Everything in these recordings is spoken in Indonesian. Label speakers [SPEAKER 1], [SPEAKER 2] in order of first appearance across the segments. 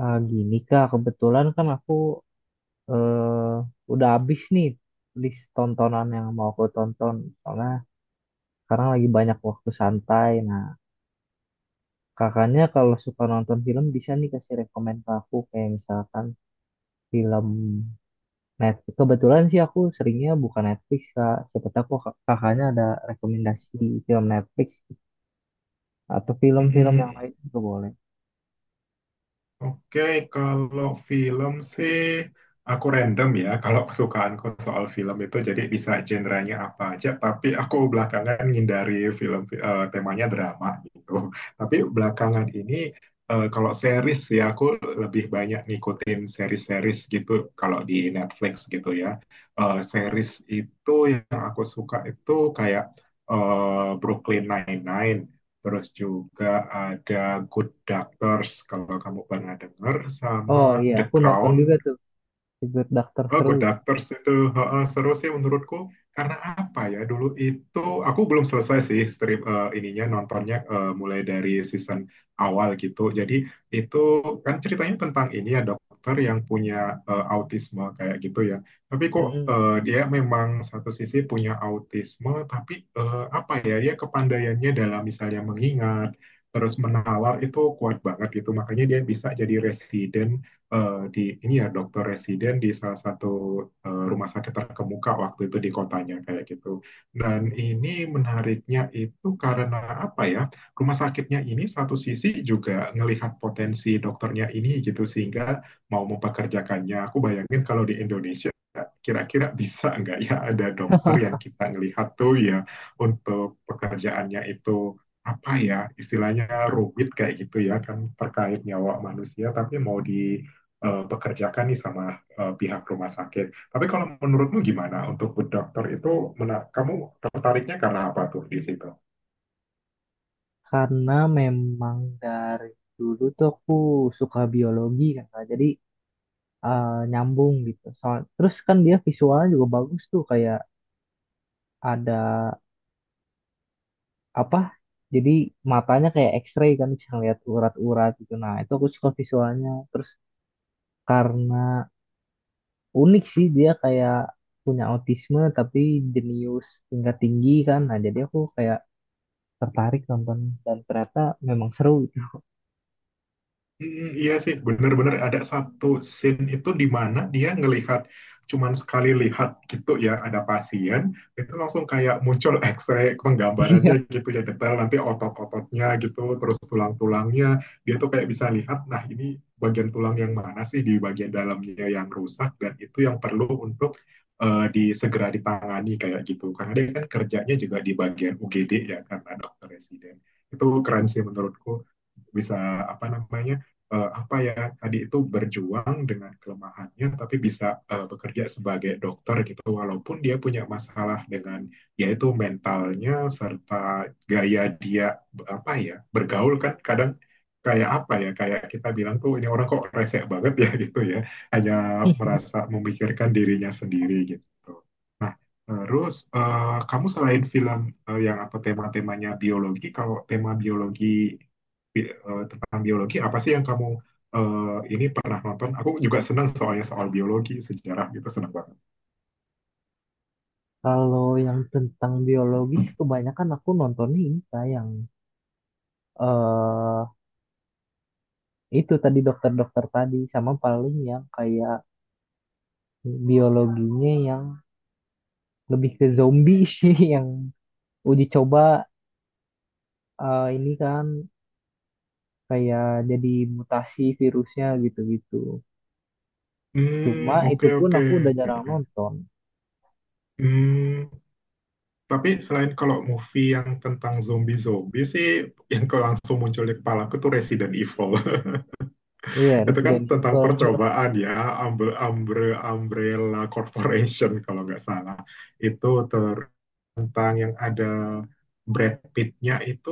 [SPEAKER 1] Ah, gini Kak, kebetulan kan aku eh, udah habis nih list tontonan yang mau aku tonton. Soalnya sekarang lagi banyak waktu santai. Nah, kakaknya kalau suka nonton film bisa nih kasih rekomen ke aku. Kayak misalkan film Netflix. Kebetulan sih aku seringnya buka Netflix Kak. Siapa tahu kakaknya ada rekomendasi film Netflix atau film-film yang
[SPEAKER 2] Mm,
[SPEAKER 1] lain juga boleh.
[SPEAKER 2] oke, kalau film sih aku random ya. Kalau kesukaanku soal film itu jadi bisa genrenya apa aja. Tapi aku belakangan ngindari film temanya drama gitu. Tapi belakangan ini kalau series ya aku lebih banyak ngikutin series-series gitu. Kalau di Netflix gitu ya. Series itu yang aku suka itu kayak Brooklyn Nine-Nine. Terus juga ada Good Doctors, kalau kamu pernah dengar,
[SPEAKER 1] Oh
[SPEAKER 2] sama
[SPEAKER 1] iya,
[SPEAKER 2] The
[SPEAKER 1] aku nonton juga
[SPEAKER 2] Crown.
[SPEAKER 1] tuh. Secret Doctor
[SPEAKER 2] Oh,
[SPEAKER 1] seru
[SPEAKER 2] Good
[SPEAKER 1] itu.
[SPEAKER 2] Doctors itu heeh, seru sih menurutku. Karena apa ya, dulu itu aku belum selesai sih ininya nontonnya, mulai dari season awal gitu. Jadi itu kan ceritanya tentang ini ya, dokter yang punya autisme kayak gitu ya. Tapi kok
[SPEAKER 1] Mm-mm.
[SPEAKER 2] dia memang satu sisi punya autisme, tapi apa ya, dia kepandaiannya dalam misalnya mengingat, terus menalar itu kuat banget gitu. Makanya dia bisa jadi residen, di ini ya, dokter residen di salah satu rumah sakit terkemuka waktu itu di kotanya kayak gitu. Dan ini menariknya itu karena apa ya? Rumah sakitnya ini satu sisi juga ngelihat potensi dokternya ini gitu, sehingga mau mempekerjakannya. Aku bayangin kalau di Indonesia kira-kira bisa nggak ya ada dokter yang kita ngelihat tuh ya, untuk pekerjaannya itu apa ya istilahnya, rumit kayak gitu ya kan, terkait nyawa manusia, tapi mau di bekerjakan nih sama pihak rumah sakit. Tapi kalau menurutmu gimana untuk good doctor itu, kamu tertariknya karena apa tuh di situ?
[SPEAKER 1] Karena memang dari dulu tuh aku suka biologi kan, Kak. Jadi nyambung gitu. Soal, terus kan dia visualnya juga bagus tuh, kayak ada apa? Jadi matanya kayak X-ray kan bisa ngeliat urat-urat gitu. Nah itu aku suka visualnya. Terus karena unik sih dia kayak punya autisme tapi jenius tingkat tinggi kan. Nah jadi aku kayak tertarik nonton dan ternyata memang seru gitu.
[SPEAKER 2] Mm, iya sih, benar-benar ada satu scene itu di mana dia ngelihat cuman sekali lihat gitu ya, ada pasien itu langsung kayak muncul X-ray penggambarannya
[SPEAKER 1] Iya.
[SPEAKER 2] gitu ya, detail nanti otot-ototnya gitu, terus tulang-tulangnya dia tuh kayak bisa lihat nah ini bagian tulang yang mana sih di bagian dalamnya yang rusak, dan itu yang perlu untuk disegera ditangani kayak gitu, karena dia kan kerjanya juga di bagian UGD ya karena dokter residen. Itu keren sih menurutku, bisa apa namanya, apa ya, tadi itu berjuang dengan kelemahannya tapi bisa bekerja sebagai dokter gitu, walaupun dia punya masalah dengan yaitu mentalnya, serta gaya dia apa ya bergaul, kan kadang kayak apa ya, kayak kita bilang tuh ini orang kok resek banget ya, gitu ya, hanya merasa memikirkan dirinya sendiri gitu. Nah, terus kamu selain film yang apa tema-temanya biologi, kalau tema biologi tentang biologi apa sih yang kamu eh, ini pernah nonton? Aku juga senang soalnya soal biologi, sejarah gitu senang banget.
[SPEAKER 1] Kalau yang tentang biologi sih kebanyakan aku nontonnya ini Kak, yang eh itu tadi dokter-dokter tadi sama paling yang kayak biologinya yang lebih ke zombie sih yang uji coba ini kan kayak jadi mutasi virusnya gitu-gitu. Cuma
[SPEAKER 2] Hmm,
[SPEAKER 1] itu
[SPEAKER 2] oke,
[SPEAKER 1] pun
[SPEAKER 2] oke.
[SPEAKER 1] aku udah jarang
[SPEAKER 2] mm
[SPEAKER 1] nonton.
[SPEAKER 2] Hmm, tapi selain kalau movie yang tentang zombie-zombie sih, yang kalau langsung muncul di kepala aku tuh Resident Evil.
[SPEAKER 1] Iya,
[SPEAKER 2] Itu kan
[SPEAKER 1] Resident
[SPEAKER 2] tentang
[SPEAKER 1] Evil.
[SPEAKER 2] percobaan ya, Umbre, Umbre, Umbrella Corporation kalau nggak salah. Itu tentang yang ada Brad Pitt-nya itu,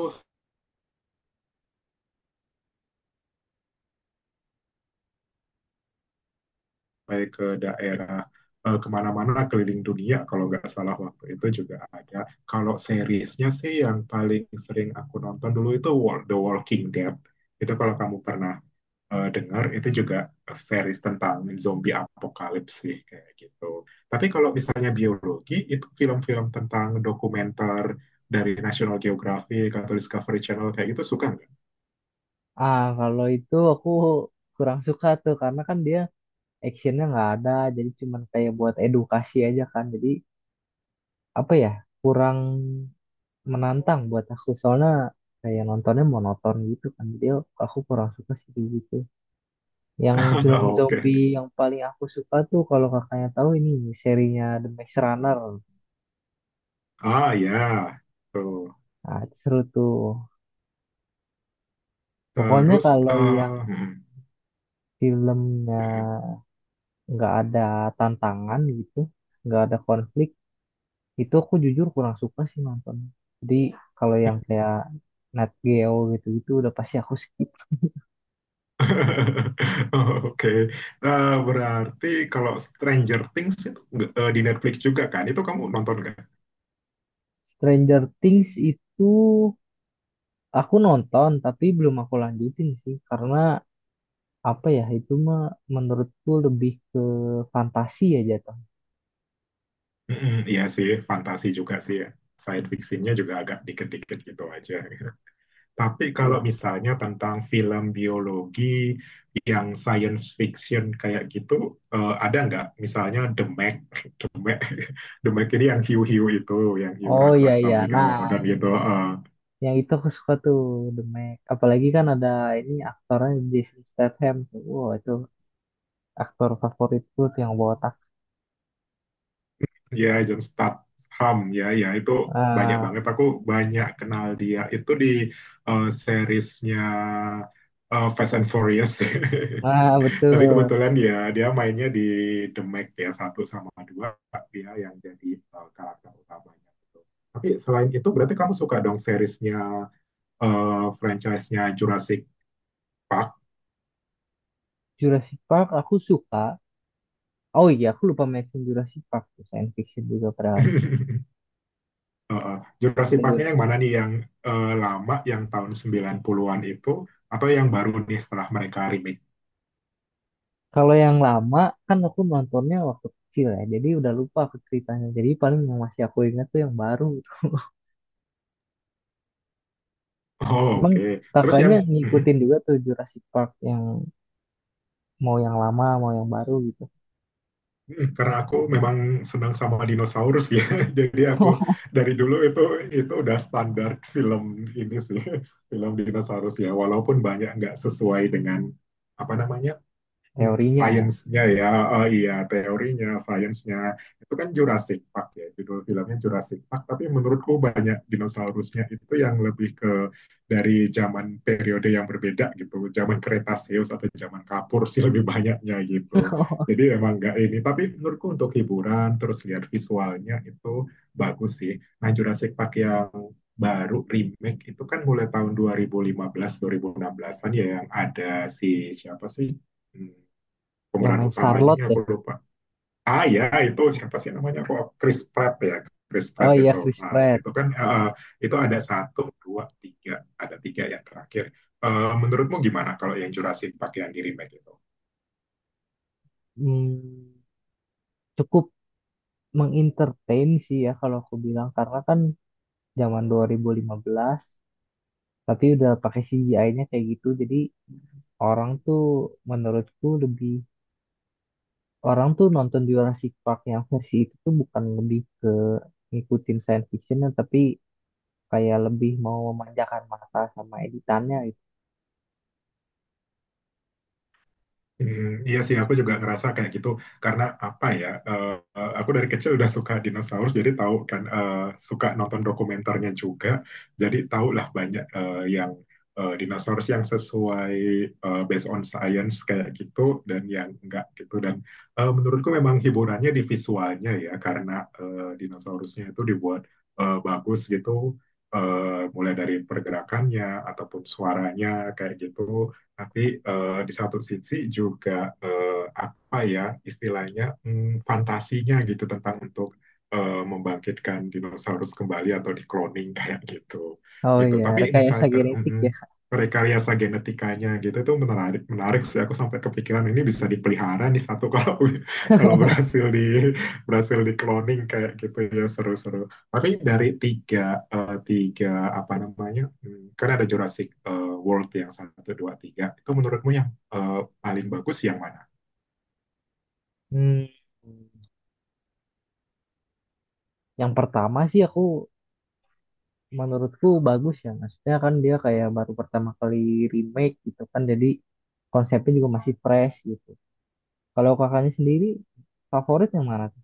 [SPEAKER 2] sampai ke daerah kemana-mana keliling dunia kalau nggak salah waktu itu juga ada. Kalau seriesnya sih, yang paling sering aku nonton dulu itu The Walking Dead. Itu kalau kamu pernah dengar, itu juga series tentang zombie apokalips sih kayak gitu. Tapi kalau misalnya biologi itu, film-film tentang dokumenter dari National Geographic atau Discovery Channel kayak gitu, suka nggak?
[SPEAKER 1] Ah, kalau itu aku kurang suka tuh karena kan dia actionnya nggak ada, jadi cuman kayak buat edukasi aja kan. Jadi apa ya kurang menantang buat aku soalnya kayak nontonnya monoton gitu kan jadi aku kurang suka sih kayak gitu yang film
[SPEAKER 2] Oke.
[SPEAKER 1] zombie yang paling aku suka tuh kalau kakaknya tahu ini serinya The Maze Runner.
[SPEAKER 2] Ah, ya. Tuh.
[SPEAKER 1] Nah itu seru tuh pokoknya
[SPEAKER 2] Terus
[SPEAKER 1] kalau yang
[SPEAKER 2] hmm.
[SPEAKER 1] filmnya nggak ada tantangan gitu, nggak ada konflik, itu aku jujur kurang suka sih nonton. Jadi kalau yang kayak Nat Geo gitu-gitu udah pasti aku skip.
[SPEAKER 2] Oke, nah, berarti kalau Stranger Things itu di Netflix juga kan? Itu kamu nonton kan?
[SPEAKER 1] Stranger Things itu aku nonton tapi belum aku lanjutin sih karena apa ya itu mah menurutku lebih ke fantasi ya jatuh.
[SPEAKER 2] Mm-mm, iya sih, fantasi juga sih ya. Science fictionnya juga agak dikit-dikit gitu aja. Tapi kalau
[SPEAKER 1] Iya.
[SPEAKER 2] misalnya tentang film biologi yang science fiction kayak gitu, ada nggak? Misalnya The Meg, The Meg, The Meg ini yang hiu-hiu itu, yang hiu
[SPEAKER 1] Oh iya
[SPEAKER 2] raksasa
[SPEAKER 1] iya. Nah,
[SPEAKER 2] megalodon gitu. Eh.
[SPEAKER 1] yang itu aku suka tuh The Meg. Apalagi kan ada ini aktornya Jason Statham tuh. Wow, itu aktor favoritku tuh yang botak.
[SPEAKER 2] Ya, John Statham, ya, ya itu banyak
[SPEAKER 1] Ah,
[SPEAKER 2] banget aku banyak kenal dia itu di seriesnya Fast and Furious.
[SPEAKER 1] ah
[SPEAKER 2] Tapi
[SPEAKER 1] betul.
[SPEAKER 2] kebetulan dia dia mainnya di The Meg, ya, satu sama dua, dia yang jadi karakter utamanya gitu. Tapi selain itu berarti kamu suka dong seriesnya eh franchise-nya Jurassic Park.
[SPEAKER 1] Jurassic Park aku suka. Oh iya, aku lupa mention Jurassic Park tuh, science fiction juga
[SPEAKER 2] Heeh. Jurassic
[SPEAKER 1] padahal.
[SPEAKER 2] Park-nya yang mana nih, yang lama yang tahun 90-an itu, atau yang baru nih setelah mereka remake?
[SPEAKER 1] Kalau yang lama kan aku nontonnya waktu kecil ya, jadi udah lupa aku ceritanya. Jadi paling yang masih aku ingat tuh yang baru.
[SPEAKER 2] Oh,
[SPEAKER 1] Emang
[SPEAKER 2] oke. Okay. Terus yang
[SPEAKER 1] kakaknya
[SPEAKER 2] mhm.
[SPEAKER 1] ngikutin juga tuh Jurassic Park yang mau yang lama, mau yang baru gitu.
[SPEAKER 2] Mhm, karena aku memang senang sama dinosaurus ya. Jadi aku dari dulu itu udah standar film ini sih, film dinosaurus ya. Walaupun banyak nggak sesuai dengan apa namanya. Hmm,
[SPEAKER 1] Teorinya ya,
[SPEAKER 2] sainsnya ya, oh iya, teorinya, sainsnya, itu kan Jurassic Park ya judul filmnya, Jurassic Park. Tapi menurutku banyak dinosaurusnya itu yang lebih ke dari zaman periode yang berbeda gitu, zaman Kretaseus atau zaman Kapur sih lebih banyaknya gitu. Jadi emang nggak ini, tapi menurutku untuk hiburan terus lihat visualnya itu bagus sih. Nah, Jurassic Park yang baru remake itu kan mulai tahun 2015, 2016-an ya, yang ada si siapa sih? Hmm,
[SPEAKER 1] yang
[SPEAKER 2] pemeran
[SPEAKER 1] main
[SPEAKER 2] utamanya
[SPEAKER 1] Starlord
[SPEAKER 2] ini
[SPEAKER 1] ya.
[SPEAKER 2] aku lupa. Ah, ya itu siapa sih namanya, kok Chris Pratt ya, Chris
[SPEAKER 1] Oh
[SPEAKER 2] Pratt itu.
[SPEAKER 1] iya Chris
[SPEAKER 2] Nah,
[SPEAKER 1] Pratt.
[SPEAKER 2] itu kan itu ada satu, dua, tiga, ada tiga yang terakhir. Menurutmu gimana kalau yang Jurassic Park yang di remake itu?
[SPEAKER 1] Hmm, cukup mengentertain sih ya kalau aku bilang karena kan zaman 2015 tapi udah pakai CGI-nya kayak gitu jadi orang tuh menurutku lebih orang tuh nonton Jurassic Park yang versi itu tuh bukan lebih ke ngikutin science fiction tapi kayak lebih mau memanjakan mata sama editannya gitu.
[SPEAKER 2] Hmm, iya sih, aku juga ngerasa kayak gitu. Karena apa ya? Aku dari kecil udah suka dinosaurus, jadi tahu kan, suka nonton dokumenternya juga, jadi tahu lah banyak yang dinosaurus yang sesuai based on science kayak gitu, dan yang enggak gitu. Dan menurutku memang hiburannya di visualnya ya, karena dinosaurusnya itu dibuat bagus gitu, mulai dari pergerakannya ataupun suaranya kayak gitu. Tapi di satu sisi juga apa ya istilahnya, fantasinya gitu, tentang untuk membangkitkan dinosaurus kembali atau di cloning kayak gitu.
[SPEAKER 1] Oh
[SPEAKER 2] Gitu.
[SPEAKER 1] iya,
[SPEAKER 2] Tapi
[SPEAKER 1] rekayasa
[SPEAKER 2] misalnya
[SPEAKER 1] genetik ya.
[SPEAKER 2] rekayasa genetikanya gitu, itu menarik, menarik sih, aku sampai kepikiran ini bisa dipelihara nih satu kalau kalau berhasil di, berhasil di cloning kayak gitu ya, seru-seru. Tapi dari tiga, eh, tiga apa namanya, kan ada Jurassic World yang satu, dua, tiga. Itu menurutmu yang eh, paling bagus yang mana?
[SPEAKER 1] Hmm. Yang pertama sih aku menurutku bagus ya. Maksudnya kan dia kayak baru pertama kali remake gitu kan. Jadi konsepnya juga masih fresh gitu. Kalau kakaknya sendiri favorit yang mana tuh?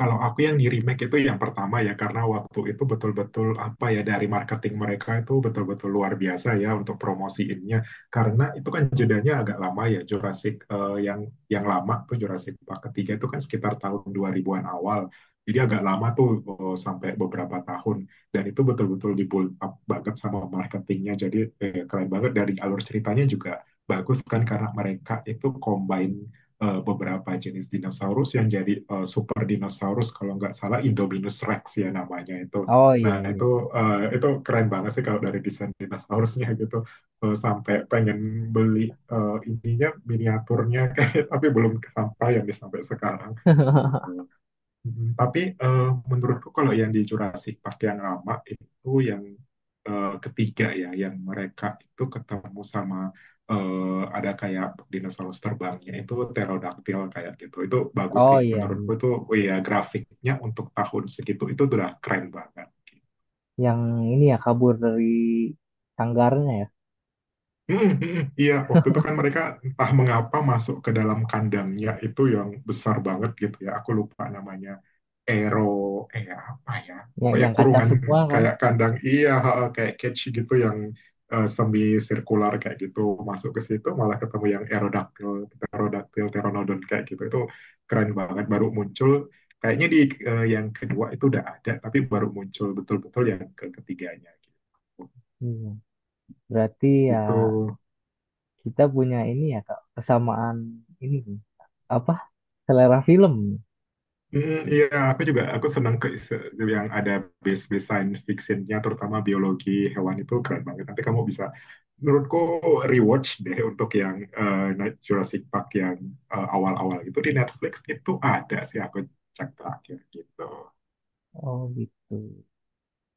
[SPEAKER 2] Kalau aku yang di remake itu yang pertama ya, karena waktu itu betul-betul apa ya, dari marketing mereka itu betul-betul luar biasa ya untuk promosiinnya. Karena itu kan jedanya agak lama ya Jurassic, yang lama tuh Jurassic Park ketiga itu kan sekitar tahun 2000-an awal. Jadi agak lama tuh, sampai beberapa tahun, dan itu betul-betul di build up banget sama marketingnya. Jadi keren banget, dari alur ceritanya juga bagus kan, karena mereka itu combine beberapa jenis dinosaurus yang jadi super dinosaurus, kalau nggak salah Indominus Rex ya namanya itu.
[SPEAKER 1] Oh
[SPEAKER 2] Nah
[SPEAKER 1] iya iya.
[SPEAKER 2] itu keren banget sih kalau dari desain dinosaurusnya gitu. Eh, sampai pengen beli ininya, miniaturnya, kayak, tapi belum kesampaian sampai sekarang gitu. Mm, tapi menurutku kalau yang di Jurassic Park yang lama itu yang ketiga ya, yang mereka itu ketemu sama ada kayak dinosaurus terbangnya itu pterodaktil kayak gitu. Itu bagus
[SPEAKER 1] Oh
[SPEAKER 2] sih
[SPEAKER 1] iya,
[SPEAKER 2] menurutku itu, oh iya, grafiknya untuk tahun segitu itu udah keren banget.
[SPEAKER 1] yang ini ya kabur dari sanggarnya ya.
[SPEAKER 2] Mm, mm, iya, waktu itu kan mereka entah mengapa masuk ke dalam kandangnya itu yang besar banget gitu ya. Aku lupa namanya, Aero, apa ya,
[SPEAKER 1] Ya,
[SPEAKER 2] pokoknya
[SPEAKER 1] yang kacang
[SPEAKER 2] kurungan
[SPEAKER 1] semua kan.
[SPEAKER 2] kayak kandang, iya, ha, ha, kayak cage gitu yang semi sirkular kayak gitu, masuk ke situ malah ketemu yang Aerodactyl, Pterodactyl, Pteranodon kayak gitu. Itu keren banget, baru muncul, kayaknya di yang kedua itu udah ada, tapi baru muncul betul-betul yang ketiganya gitu.
[SPEAKER 1] Iya. Berarti ya
[SPEAKER 2] Gitu.
[SPEAKER 1] kita punya ini ya Kak, kesamaan ini nih. Apa, selera film.
[SPEAKER 2] Hmm, iya, aku senang ke yang ada base-base science fictionnya, terutama biologi hewan itu keren banget. Nanti kamu bisa, menurutku, rewatch deh untuk yang Jurassic Park yang awal-awal itu di Netflix itu ada sih, aku cek terakhir gitu.
[SPEAKER 1] Oh gitu.